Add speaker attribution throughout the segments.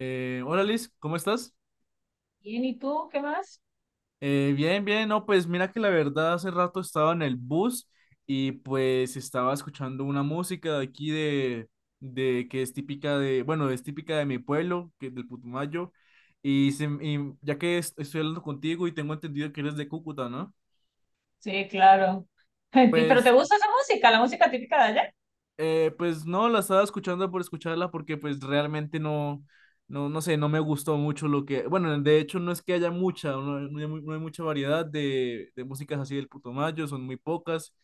Speaker 1: Hola Liz, ¿cómo estás?
Speaker 2: Bien, ¿y tú qué más?
Speaker 1: Bien, bien, no, pues mira que la verdad hace rato estaba en el bus y pues estaba escuchando una música de aquí de que es típica bueno, es típica de mi pueblo, que es del Putumayo, y ya que estoy hablando contigo y tengo entendido que eres de Cúcuta, ¿no?
Speaker 2: Sí, claro. ¿Pero te
Speaker 1: Pues.
Speaker 2: gusta esa música, la música típica de allá?
Speaker 1: Pues no, la estaba escuchando por escucharla porque pues realmente no, no, no sé, no me gustó mucho lo que, bueno, de hecho no es que haya mucha, no, no hay, no hay mucha variedad de músicas así del Putumayo, son muy pocas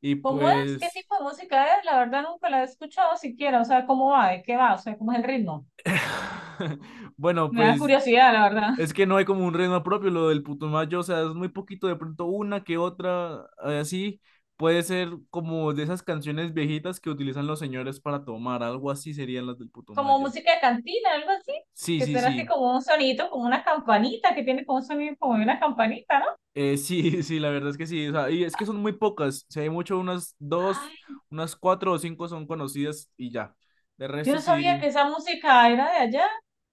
Speaker 1: y
Speaker 2: ¿Cómo es? ¿Qué
Speaker 1: pues.
Speaker 2: tipo de música es? La verdad nunca la he escuchado siquiera. O sea, ¿cómo va? ¿De qué va? O sea, ¿cómo es el ritmo?
Speaker 1: Bueno,
Speaker 2: Me da
Speaker 1: pues
Speaker 2: curiosidad, la verdad.
Speaker 1: es que no hay como un ritmo propio lo del Putumayo, o sea, es muy poquito, de pronto una que otra, así, puede ser como de esas canciones viejitas que utilizan los señores para tomar, algo así serían las del
Speaker 2: Como
Speaker 1: Putumayo.
Speaker 2: música de cantina, algo así.
Speaker 1: Sí,
Speaker 2: Que
Speaker 1: sí,
Speaker 2: será así
Speaker 1: sí.
Speaker 2: como un sonido, como una campanita, que tiene como un sonido como de una campanita, ¿no?
Speaker 1: Sí, sí, la verdad es que sí. O sea, y es que son muy pocas. Si hay mucho, unas dos,
Speaker 2: Ay,
Speaker 1: unas cuatro o cinco son conocidas y ya. De
Speaker 2: yo
Speaker 1: resto
Speaker 2: no sabía
Speaker 1: sí.
Speaker 2: que esa música era de allá.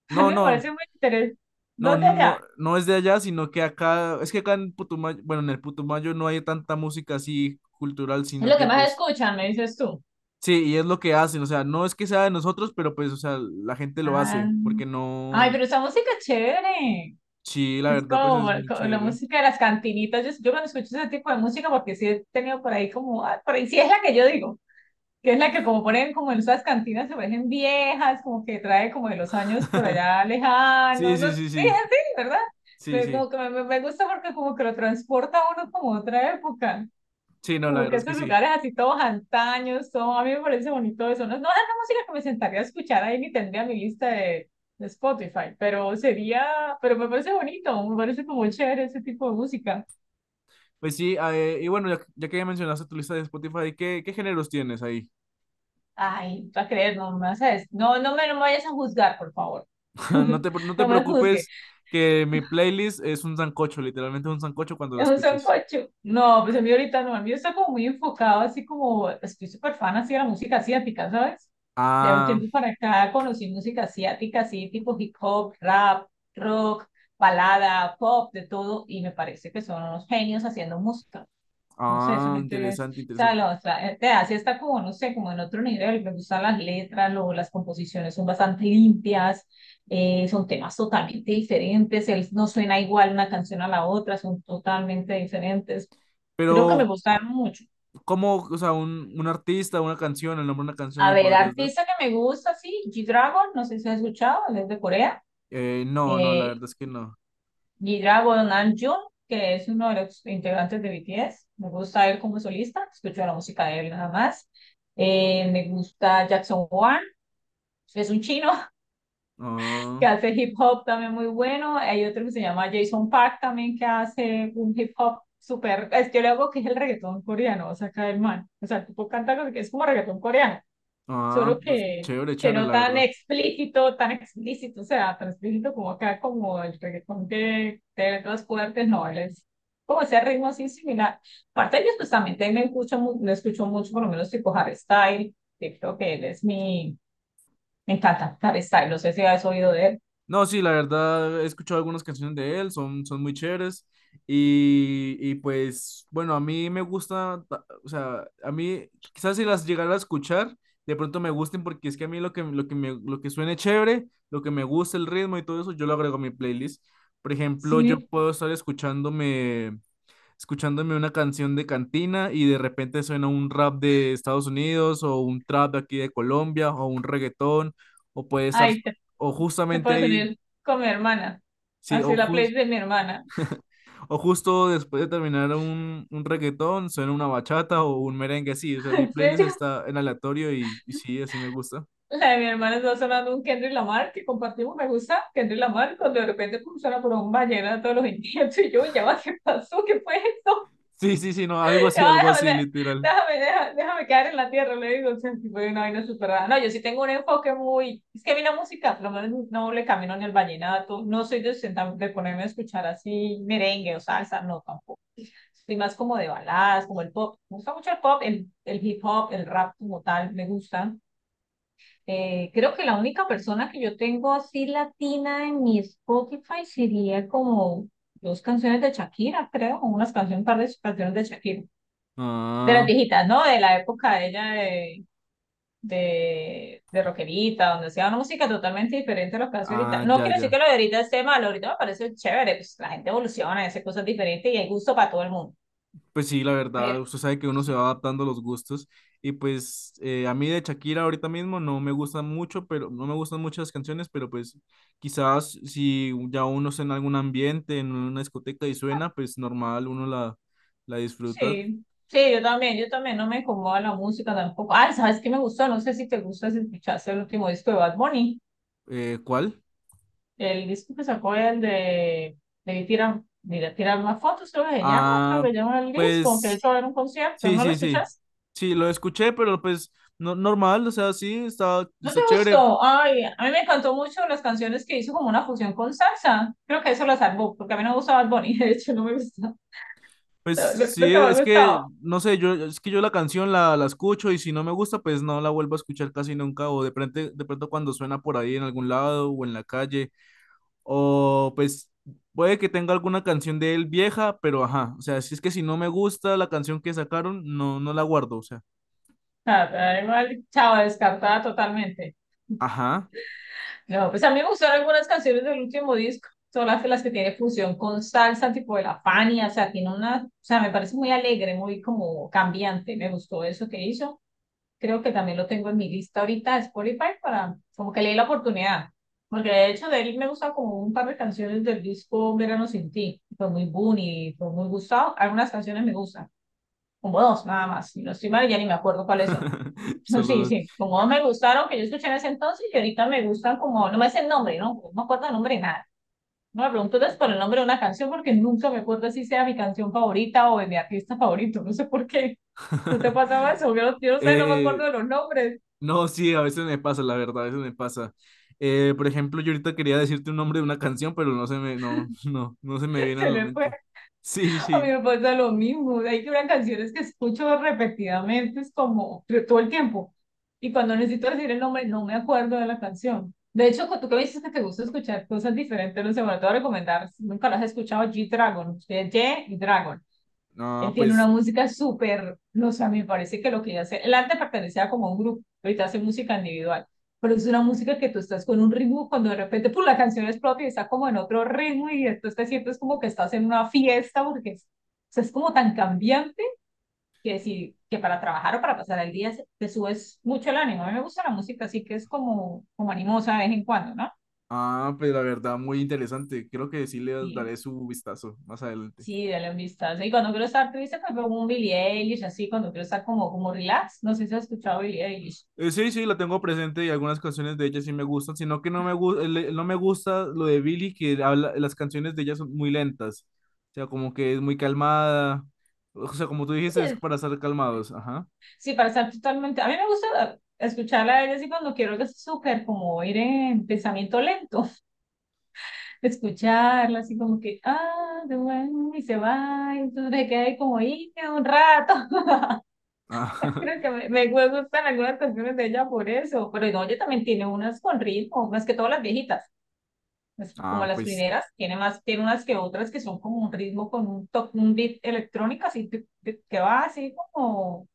Speaker 2: A
Speaker 1: No,
Speaker 2: mí me
Speaker 1: no,
Speaker 2: parece muy interesante.
Speaker 1: no,
Speaker 2: ¿Dónde
Speaker 1: no,
Speaker 2: allá?
Speaker 1: no, no es de allá, sino que acá, es que acá en Putumayo, bueno, en el Putumayo no hay tanta música así cultural,
Speaker 2: Es
Speaker 1: sino
Speaker 2: lo que
Speaker 1: que
Speaker 2: más
Speaker 1: pues,
Speaker 2: escuchan, me dices tú.
Speaker 1: sí, y es lo que hacen. O sea, no es que sea de nosotros, pero pues, o sea, la gente lo
Speaker 2: Ah.
Speaker 1: hace, porque
Speaker 2: Ay,
Speaker 1: no.
Speaker 2: pero esa música es chévere.
Speaker 1: Sí, la
Speaker 2: Es
Speaker 1: verdad, pues
Speaker 2: como,
Speaker 1: es muy
Speaker 2: como la
Speaker 1: chévere.
Speaker 2: música de las cantinitas. Yo cuando escucho ese tipo de música, porque sí he tenido por ahí como, ah, por ahí sí es la que yo digo, que es la que como ponen como en esas cantinas, se parecen viejas, como que trae como de los años por allá
Speaker 1: Sí,
Speaker 2: lejanos, no,
Speaker 1: sí,
Speaker 2: es
Speaker 1: sí, sí.
Speaker 2: así, ¿verdad?
Speaker 1: Sí,
Speaker 2: Pero
Speaker 1: sí.
Speaker 2: como que me gusta porque como que lo transporta a uno como a otra época.
Speaker 1: Sí, no, la
Speaker 2: Como
Speaker 1: verdad
Speaker 2: que
Speaker 1: es que
Speaker 2: esos
Speaker 1: sí.
Speaker 2: lugares así todos antaños, todo, a mí me parece bonito eso. No, no es la música que me sentaría a escuchar ahí ni tendría mi lista de Spotify, pero sería, pero me parece bonito, me parece como chévere ese tipo de música.
Speaker 1: Pues sí, ah, y bueno, ya, ya que ya mencionaste tu lista de Spotify, ¿qué géneros tienes ahí?
Speaker 2: Ay, tú vas a creer, no me vas a des- no, no me vayas a juzgar, por favor.
Speaker 1: No te, pre- no te
Speaker 2: No me juzgues.
Speaker 1: preocupes que mi playlist es un sancocho, literalmente un sancocho cuando la
Speaker 2: Es un
Speaker 1: escuches.
Speaker 2: sancocho. No, pues a mí ahorita no, a mí está como muy enfocado, así como pues, estoy súper fan así de la música asiática, ¿sabes? De un
Speaker 1: Ah,
Speaker 2: tiempo para acá conocí música asiática, así tipo hip hop, rap, rock, balada, pop, de todo, y me parece que son unos genios haciendo música. No sé, son
Speaker 1: ah,
Speaker 2: estudios,
Speaker 1: interesante,
Speaker 2: o sea,
Speaker 1: interesante.
Speaker 2: la otra, te hace está como, no sé, como en otro nivel, me gustan las letras, lo, las composiciones son bastante limpias, son temas totalmente diferentes, no suena igual una canción a la otra, son totalmente diferentes. Creo que me
Speaker 1: Pero,
Speaker 2: gustan mucho.
Speaker 1: ¿cómo, o sea, un artista, una canción, el nombre de una canción
Speaker 2: A
Speaker 1: me
Speaker 2: ver,
Speaker 1: podrías dar?
Speaker 2: artista que me gusta, sí, G-Dragon, no sé si has escuchado, él es de Corea,
Speaker 1: No, no, la
Speaker 2: eh,
Speaker 1: verdad es que no.
Speaker 2: Gira Nam-joon, que es uno de los integrantes de BTS. Me gusta él como solista, escucho la música de él nada más. Me gusta Jackson Wang, es un chino
Speaker 1: Ah,
Speaker 2: que hace hip hop también muy bueno. Hay otro que se llama Jason Park también que hace un hip hop súper. Es que yo le hago que es el reggaetón coreano, o sea, acá el man. O sea, el tipo canta que es como reggaetón coreano
Speaker 1: ah,
Speaker 2: solo
Speaker 1: pues chévere,
Speaker 2: que
Speaker 1: chévere,
Speaker 2: no
Speaker 1: la
Speaker 2: tan
Speaker 1: verdad.
Speaker 2: explícito, tan explícito, o sea, tan explícito como acá, como el reggaetón que de letras fuertes, no, él es como ese ritmo así similar. Aparte de ellos, pues también me escucho, me escucho mucho, por lo menos tipo Harry Styles que creo que él es mi, me encanta Harry Styles no sé si has oído de él.
Speaker 1: No, sí, la verdad he escuchado algunas canciones de él, son muy chéveres. Y pues, bueno, a mí me gusta, o sea, a mí quizás si las llegara a escuchar, de pronto me gusten porque es que a mí lo que suene chévere, lo que me gusta, el ritmo y todo eso, yo lo agrego a mi playlist. Por ejemplo, yo
Speaker 2: Sí,
Speaker 1: puedo estar escuchándome una canción de cantina y de repente suena un rap de Estados Unidos o un trap de aquí de Colombia o un reggaetón o puede estar.
Speaker 2: ay, te,
Speaker 1: O
Speaker 2: te
Speaker 1: justamente
Speaker 2: puedes
Speaker 1: ahí.
Speaker 2: unir con mi hermana,
Speaker 1: Sí, o,
Speaker 2: así la
Speaker 1: jus-
Speaker 2: playlist de mi hermana.
Speaker 1: o justo después de terminar un reggaetón, suena una bachata o un merengue, sí, o sea, mi
Speaker 2: ¿En
Speaker 1: playlist
Speaker 2: serio?
Speaker 1: está en aleatorio y sí, así me gusta.
Speaker 2: La de mi hermana está sonando un Kendrick Lamar que compartimos, me gusta Kendrick Lamar, cuando de repente pum, suena por un vallenato de todos los intentos y yo, ya va, ¿qué pasó? ¿Qué fue esto?
Speaker 1: Sí, sí, sí, no,
Speaker 2: Ya va,
Speaker 1: algo así,
Speaker 2: déjame,
Speaker 1: literal.
Speaker 2: déjame, déjame, déjame quedar en la tierra, le digo, o sea, tipo de una vaina súper rara. No, yo sí tengo un enfoque muy, es que a mí la música, por lo menos no le camino ni el vallenato, no soy de, de ponerme a escuchar así merengue o salsa, no, tampoco. Soy más como de baladas, como el pop, me gusta mucho el pop, el hip hop, el rap como tal, me gusta creo que la única persona que yo tengo así latina en mi Spotify sería como dos canciones de Shakira, creo, o unas canciones, un par de canciones de Shakira, de las
Speaker 1: Ah,
Speaker 2: viejitas, ¿no? De la época de ella de rockerita, donde hacía una música totalmente diferente a lo que hace ahorita.
Speaker 1: ah,
Speaker 2: No
Speaker 1: ya,
Speaker 2: quiero decir
Speaker 1: ya.
Speaker 2: que lo de ahorita esté malo, ahorita me parece chévere, pues la gente evoluciona, hace cosas diferentes y hay gusto para todo el mundo.
Speaker 1: Pues sí, la verdad,
Speaker 2: Pero
Speaker 1: usted sabe que uno se va adaptando a los gustos y pues a mí de Shakira ahorita mismo no me gustan mucho, pero no me gustan muchas canciones, pero pues quizás si ya uno está en algún ambiente, en una discoteca y suena, pues normal, uno la disfruta.
Speaker 2: sí, sí, yo también no me incomoda la música tampoco. Ah, ¿sabes qué me gustó? No sé si te gusta, si escuchaste el último disco de Bad Bunny,
Speaker 1: ¿Cuál?
Speaker 2: el disco que sacó el de tirar, mira, tirar más fotos, creo que se llama, creo
Speaker 1: Ah,
Speaker 2: que se llama el disco, que de hecho
Speaker 1: pues
Speaker 2: va a haber un concierto,
Speaker 1: sí,
Speaker 2: ¿no lo
Speaker 1: sí, sí.
Speaker 2: escuchaste?
Speaker 1: Sí, lo escuché, pero pues no, normal, o sea, sí, está,
Speaker 2: ¿No te
Speaker 1: está chévere.
Speaker 2: gustó? Ay, a mí me encantó mucho las canciones que hizo como una fusión con salsa. Creo que eso la salvó, porque a mí no me gustaba Bad Bunny, de hecho no me gusta.
Speaker 1: Pues
Speaker 2: Lo que
Speaker 1: sí,
Speaker 2: me ha
Speaker 1: es
Speaker 2: gustado.
Speaker 1: que, no sé, es que yo la canción la escucho y si no me gusta, pues no la vuelvo a escuchar casi nunca, o de pronto cuando suena por ahí en algún lado o en la calle, o pues puede que tenga alguna canción de él vieja, pero ajá, o sea, si es que si no me gusta la canción que sacaron, no, no la guardo, o sea,
Speaker 2: Nada, pero igual, chao, descartada totalmente.
Speaker 1: ajá,
Speaker 2: No, pues a mí me gustaron algunas canciones del último disco, son las que tiene fusión con salsa, tipo de la Fania, o sea, tiene una, o sea, me parece muy alegre, muy como cambiante, me gustó eso que hizo. Creo que también lo tengo en mi lista ahorita de Spotify para como que le dé la oportunidad, porque de hecho de él me gusta como un par de canciones del disco Verano sin ti, fue muy Bunny, fue muy gustado, algunas canciones me gustan, como dos nada más, y no estoy mal, ya ni me acuerdo cuáles son. Sí,
Speaker 1: solo.
Speaker 2: sí, como no me gustaron que yo escuché en ese entonces y ahorita me gustan como, no me sé el nombre, ¿no? No me acuerdo el nombre de nada. No me pregunto entonces por el nombre de una canción porque nunca me acuerdo si sea mi canción favorita o de mi artista favorito, no sé por qué. ¿Tú te pasaba eso? Yo, yo no sé, no me
Speaker 1: Eh,
Speaker 2: acuerdo de los nombres.
Speaker 1: no, sí, a veces me pasa, la verdad, a veces me pasa. Por ejemplo, yo ahorita quería decirte un nombre de una canción, pero no se me, no, no, no se me viene a
Speaker 2: Se
Speaker 1: la
Speaker 2: me fue.
Speaker 1: mente. Sí, sí,
Speaker 2: A mí
Speaker 1: sí.
Speaker 2: me pasa lo mismo. Hay que ver canciones que escucho repetidamente, es como todo el tiempo. Y cuando necesito decir el nombre, no me acuerdo de la canción. De hecho, tú que me dices que te gusta escuchar cosas diferentes, no sé, bueno, te voy a recomendar, si nunca las has escuchado, G-Dragon, G-Dragon.
Speaker 1: Ah,
Speaker 2: Él tiene una
Speaker 1: pues,
Speaker 2: música súper, no sé, a mí me parece que lo que él hace, el arte pertenecía como a un grupo, ahorita hace música individual, pero es una música que tú estás con un ritmo cuando de repente, pues la canción explota y está como en otro ritmo y entonces te sientes como que estás en una fiesta porque es, o sea, es como tan cambiante que si, que para trabajar o para pasar el día te subes mucho el ánimo. A mí me gusta la música así que es como, como animosa de vez en cuando, ¿no?
Speaker 1: ah, pues, la verdad, muy interesante. Creo que sí le
Speaker 2: Y
Speaker 1: daré su vistazo más adelante.
Speaker 2: sí, de la amistad. Y cuando quiero estar triste, pues veo un Billie Eilish, así, cuando quiero estar como, como relax. No sé si has escuchado Billie Eilish.
Speaker 1: Sí, sí, la tengo presente y algunas canciones de ella sí me gustan, sino que no me gusta lo de Billie, que habla, las canciones de ella son muy lentas, o sea, como que es muy calmada, o sea, como tú dijiste,
Speaker 2: Sí,
Speaker 1: es para estar calmados, ajá.
Speaker 2: sí, para estar totalmente. A mí me gusta escucharla a ella así cuando quiero que es súper como ir en pensamiento lento. Escucharla así como que, ah, de bueno, y se va, y entonces me quedé ahí como ahí un rato.
Speaker 1: Ah,
Speaker 2: Creo que me gustan algunas canciones de ella por eso. Pero no, ella también tiene unas con ritmo, más que todas las viejitas. Es como
Speaker 1: ah,
Speaker 2: las
Speaker 1: pues,
Speaker 2: primeras, tiene más, tiene unas que otras que son como un ritmo con un, un beat electrónico, así tic, que va así como,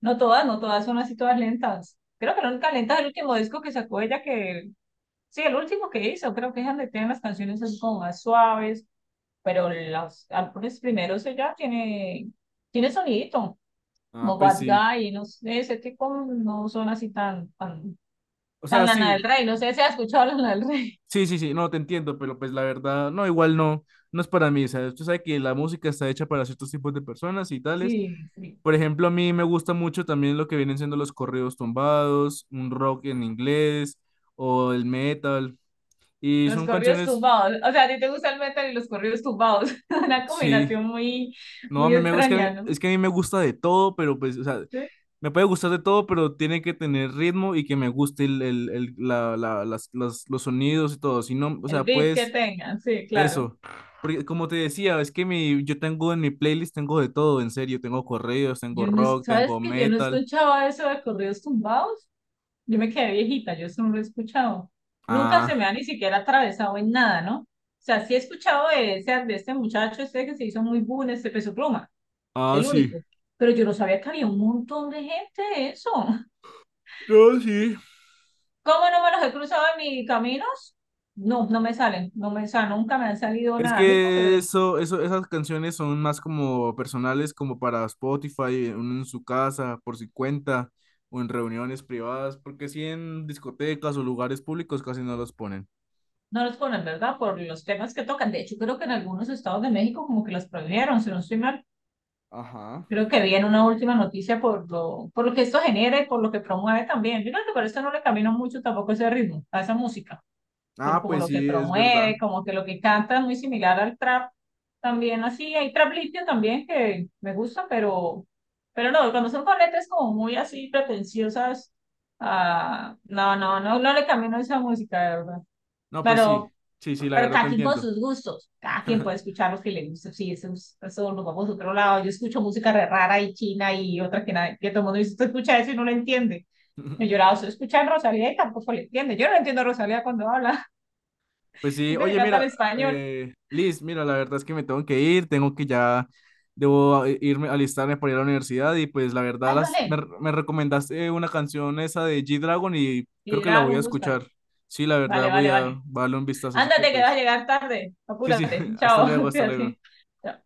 Speaker 2: no todas, no todas son así todas lentas. Creo que la única lenta es el último disco que sacó ella, que sí, el último que hizo, creo que es donde tiene las canciones así como más suaves, pero los álbumes primeros ella tiene sonidito,
Speaker 1: ah,
Speaker 2: como
Speaker 1: pues
Speaker 2: Bad
Speaker 1: sí.
Speaker 2: Guy, no sé, ese tipo no son así tan, tan,
Speaker 1: O
Speaker 2: tan
Speaker 1: sea,
Speaker 2: Lana
Speaker 1: sí.
Speaker 2: del Rey, no sé si has escuchado Lana del Rey.
Speaker 1: Sí, sí, sí, no, te entiendo, pero pues la verdad, no, igual no, no es para mí, o sea, usted sabe que la música está hecha para ciertos tipos de personas y tales.
Speaker 2: Sí, sí.
Speaker 1: Por ejemplo, a mí me gusta mucho también lo que vienen siendo los corridos tumbados, un rock en inglés o el metal. Y
Speaker 2: Los
Speaker 1: son
Speaker 2: corridos
Speaker 1: canciones,
Speaker 2: tumbados. O sea, a ti te gusta el metal y los corridos tumbados. Una
Speaker 1: sí,
Speaker 2: combinación muy,
Speaker 1: no,
Speaker 2: muy
Speaker 1: es que a
Speaker 2: extraña,
Speaker 1: mí-
Speaker 2: ¿no?
Speaker 1: es que a mí me gusta de todo, pero pues, o sea,
Speaker 2: Sí.
Speaker 1: me puede gustar de todo, pero tiene que tener ritmo y que me guste los sonidos y todo. Si no, o
Speaker 2: El
Speaker 1: sea,
Speaker 2: beat que
Speaker 1: puedes.
Speaker 2: tengan, sí, claro.
Speaker 1: Eso, porque como te decía, es que yo tengo en mi playlist, tengo de todo, en serio, tengo corridos, tengo
Speaker 2: Yo no,
Speaker 1: rock,
Speaker 2: ¿sabes
Speaker 1: tengo
Speaker 2: que yo no
Speaker 1: metal.
Speaker 2: escuchaba eso de corridos tumbados? Yo me quedé viejita, yo eso no lo he escuchado. Nunca se me ha
Speaker 1: Ah,
Speaker 2: ni siquiera atravesado en nada, ¿no? O sea, sí he escuchado de, ese, de este muchacho, este que se hizo muy boom, este Peso Pluma,
Speaker 1: ah,
Speaker 2: el
Speaker 1: sí.
Speaker 2: único. Pero yo no sabía que había un montón de gente de eso.
Speaker 1: No, sí.
Speaker 2: ¿Cómo no me los he cruzado en mis caminos? No, no me salen, nunca me han salido
Speaker 1: Es
Speaker 2: nada a mí porque
Speaker 1: que esas canciones son más como personales, como para Spotify, uno en su casa, por su cuenta, o en reuniones privadas, porque sí en discotecas o lugares públicos casi no los ponen.
Speaker 2: no los ponen, ¿verdad? Por los temas que tocan. De hecho, creo que en algunos estados de México como que los prohibieron, si no estoy mal.
Speaker 1: Ajá.
Speaker 2: Creo que vi en una última noticia por lo que esto genera y por lo que promueve también. Yo creo que por eso no le camino mucho tampoco ese ritmo, a esa música. Por
Speaker 1: Ah,
Speaker 2: como
Speaker 1: pues
Speaker 2: lo que
Speaker 1: sí, es verdad.
Speaker 2: promueve, como que lo que canta es muy similar al trap. También así, hay trap limpio también que me gusta, pero no, cuando son con letras como muy así pretenciosas, ah, no, no, no, no le camino a esa música, de verdad.
Speaker 1: No, pues sí,
Speaker 2: Pero,
Speaker 1: sí, sí, la verdad te
Speaker 2: cada quien con
Speaker 1: entiendo.
Speaker 2: sus gustos, cada quien puede escuchar lo que le gusta, sí, eso, eso nos vamos a otro lado. Yo escucho música re rara y china y otra que, nadie, que todo el mundo dice, usted escucha eso y no lo entiende. Yo he llorado, se escucha a Rosalía y tampoco le entiende. Yo no entiendo a Rosalía cuando habla
Speaker 1: Pues sí,
Speaker 2: gente que
Speaker 1: oye,
Speaker 2: canta en
Speaker 1: mira,
Speaker 2: español.
Speaker 1: Liz, mira, la verdad es que me tengo que ir, tengo que ya, debo irme, alistarme para ir a la universidad y pues la verdad
Speaker 2: Ay,
Speaker 1: las, me,
Speaker 2: vale.
Speaker 1: me recomendaste una canción esa de G-Dragon y creo
Speaker 2: Y
Speaker 1: que la voy a
Speaker 2: Dragon, búscalo.
Speaker 1: escuchar. Sí, la verdad
Speaker 2: Vale,
Speaker 1: voy
Speaker 2: vale,
Speaker 1: a
Speaker 2: vale.
Speaker 1: voy a darle un vistazo, así que
Speaker 2: Ándate que vas a
Speaker 1: pues,
Speaker 2: llegar tarde.
Speaker 1: sí, sí,
Speaker 2: Apúrate.
Speaker 1: hasta
Speaker 2: Chao,
Speaker 1: luego, hasta luego.
Speaker 2: fíjate. Chao.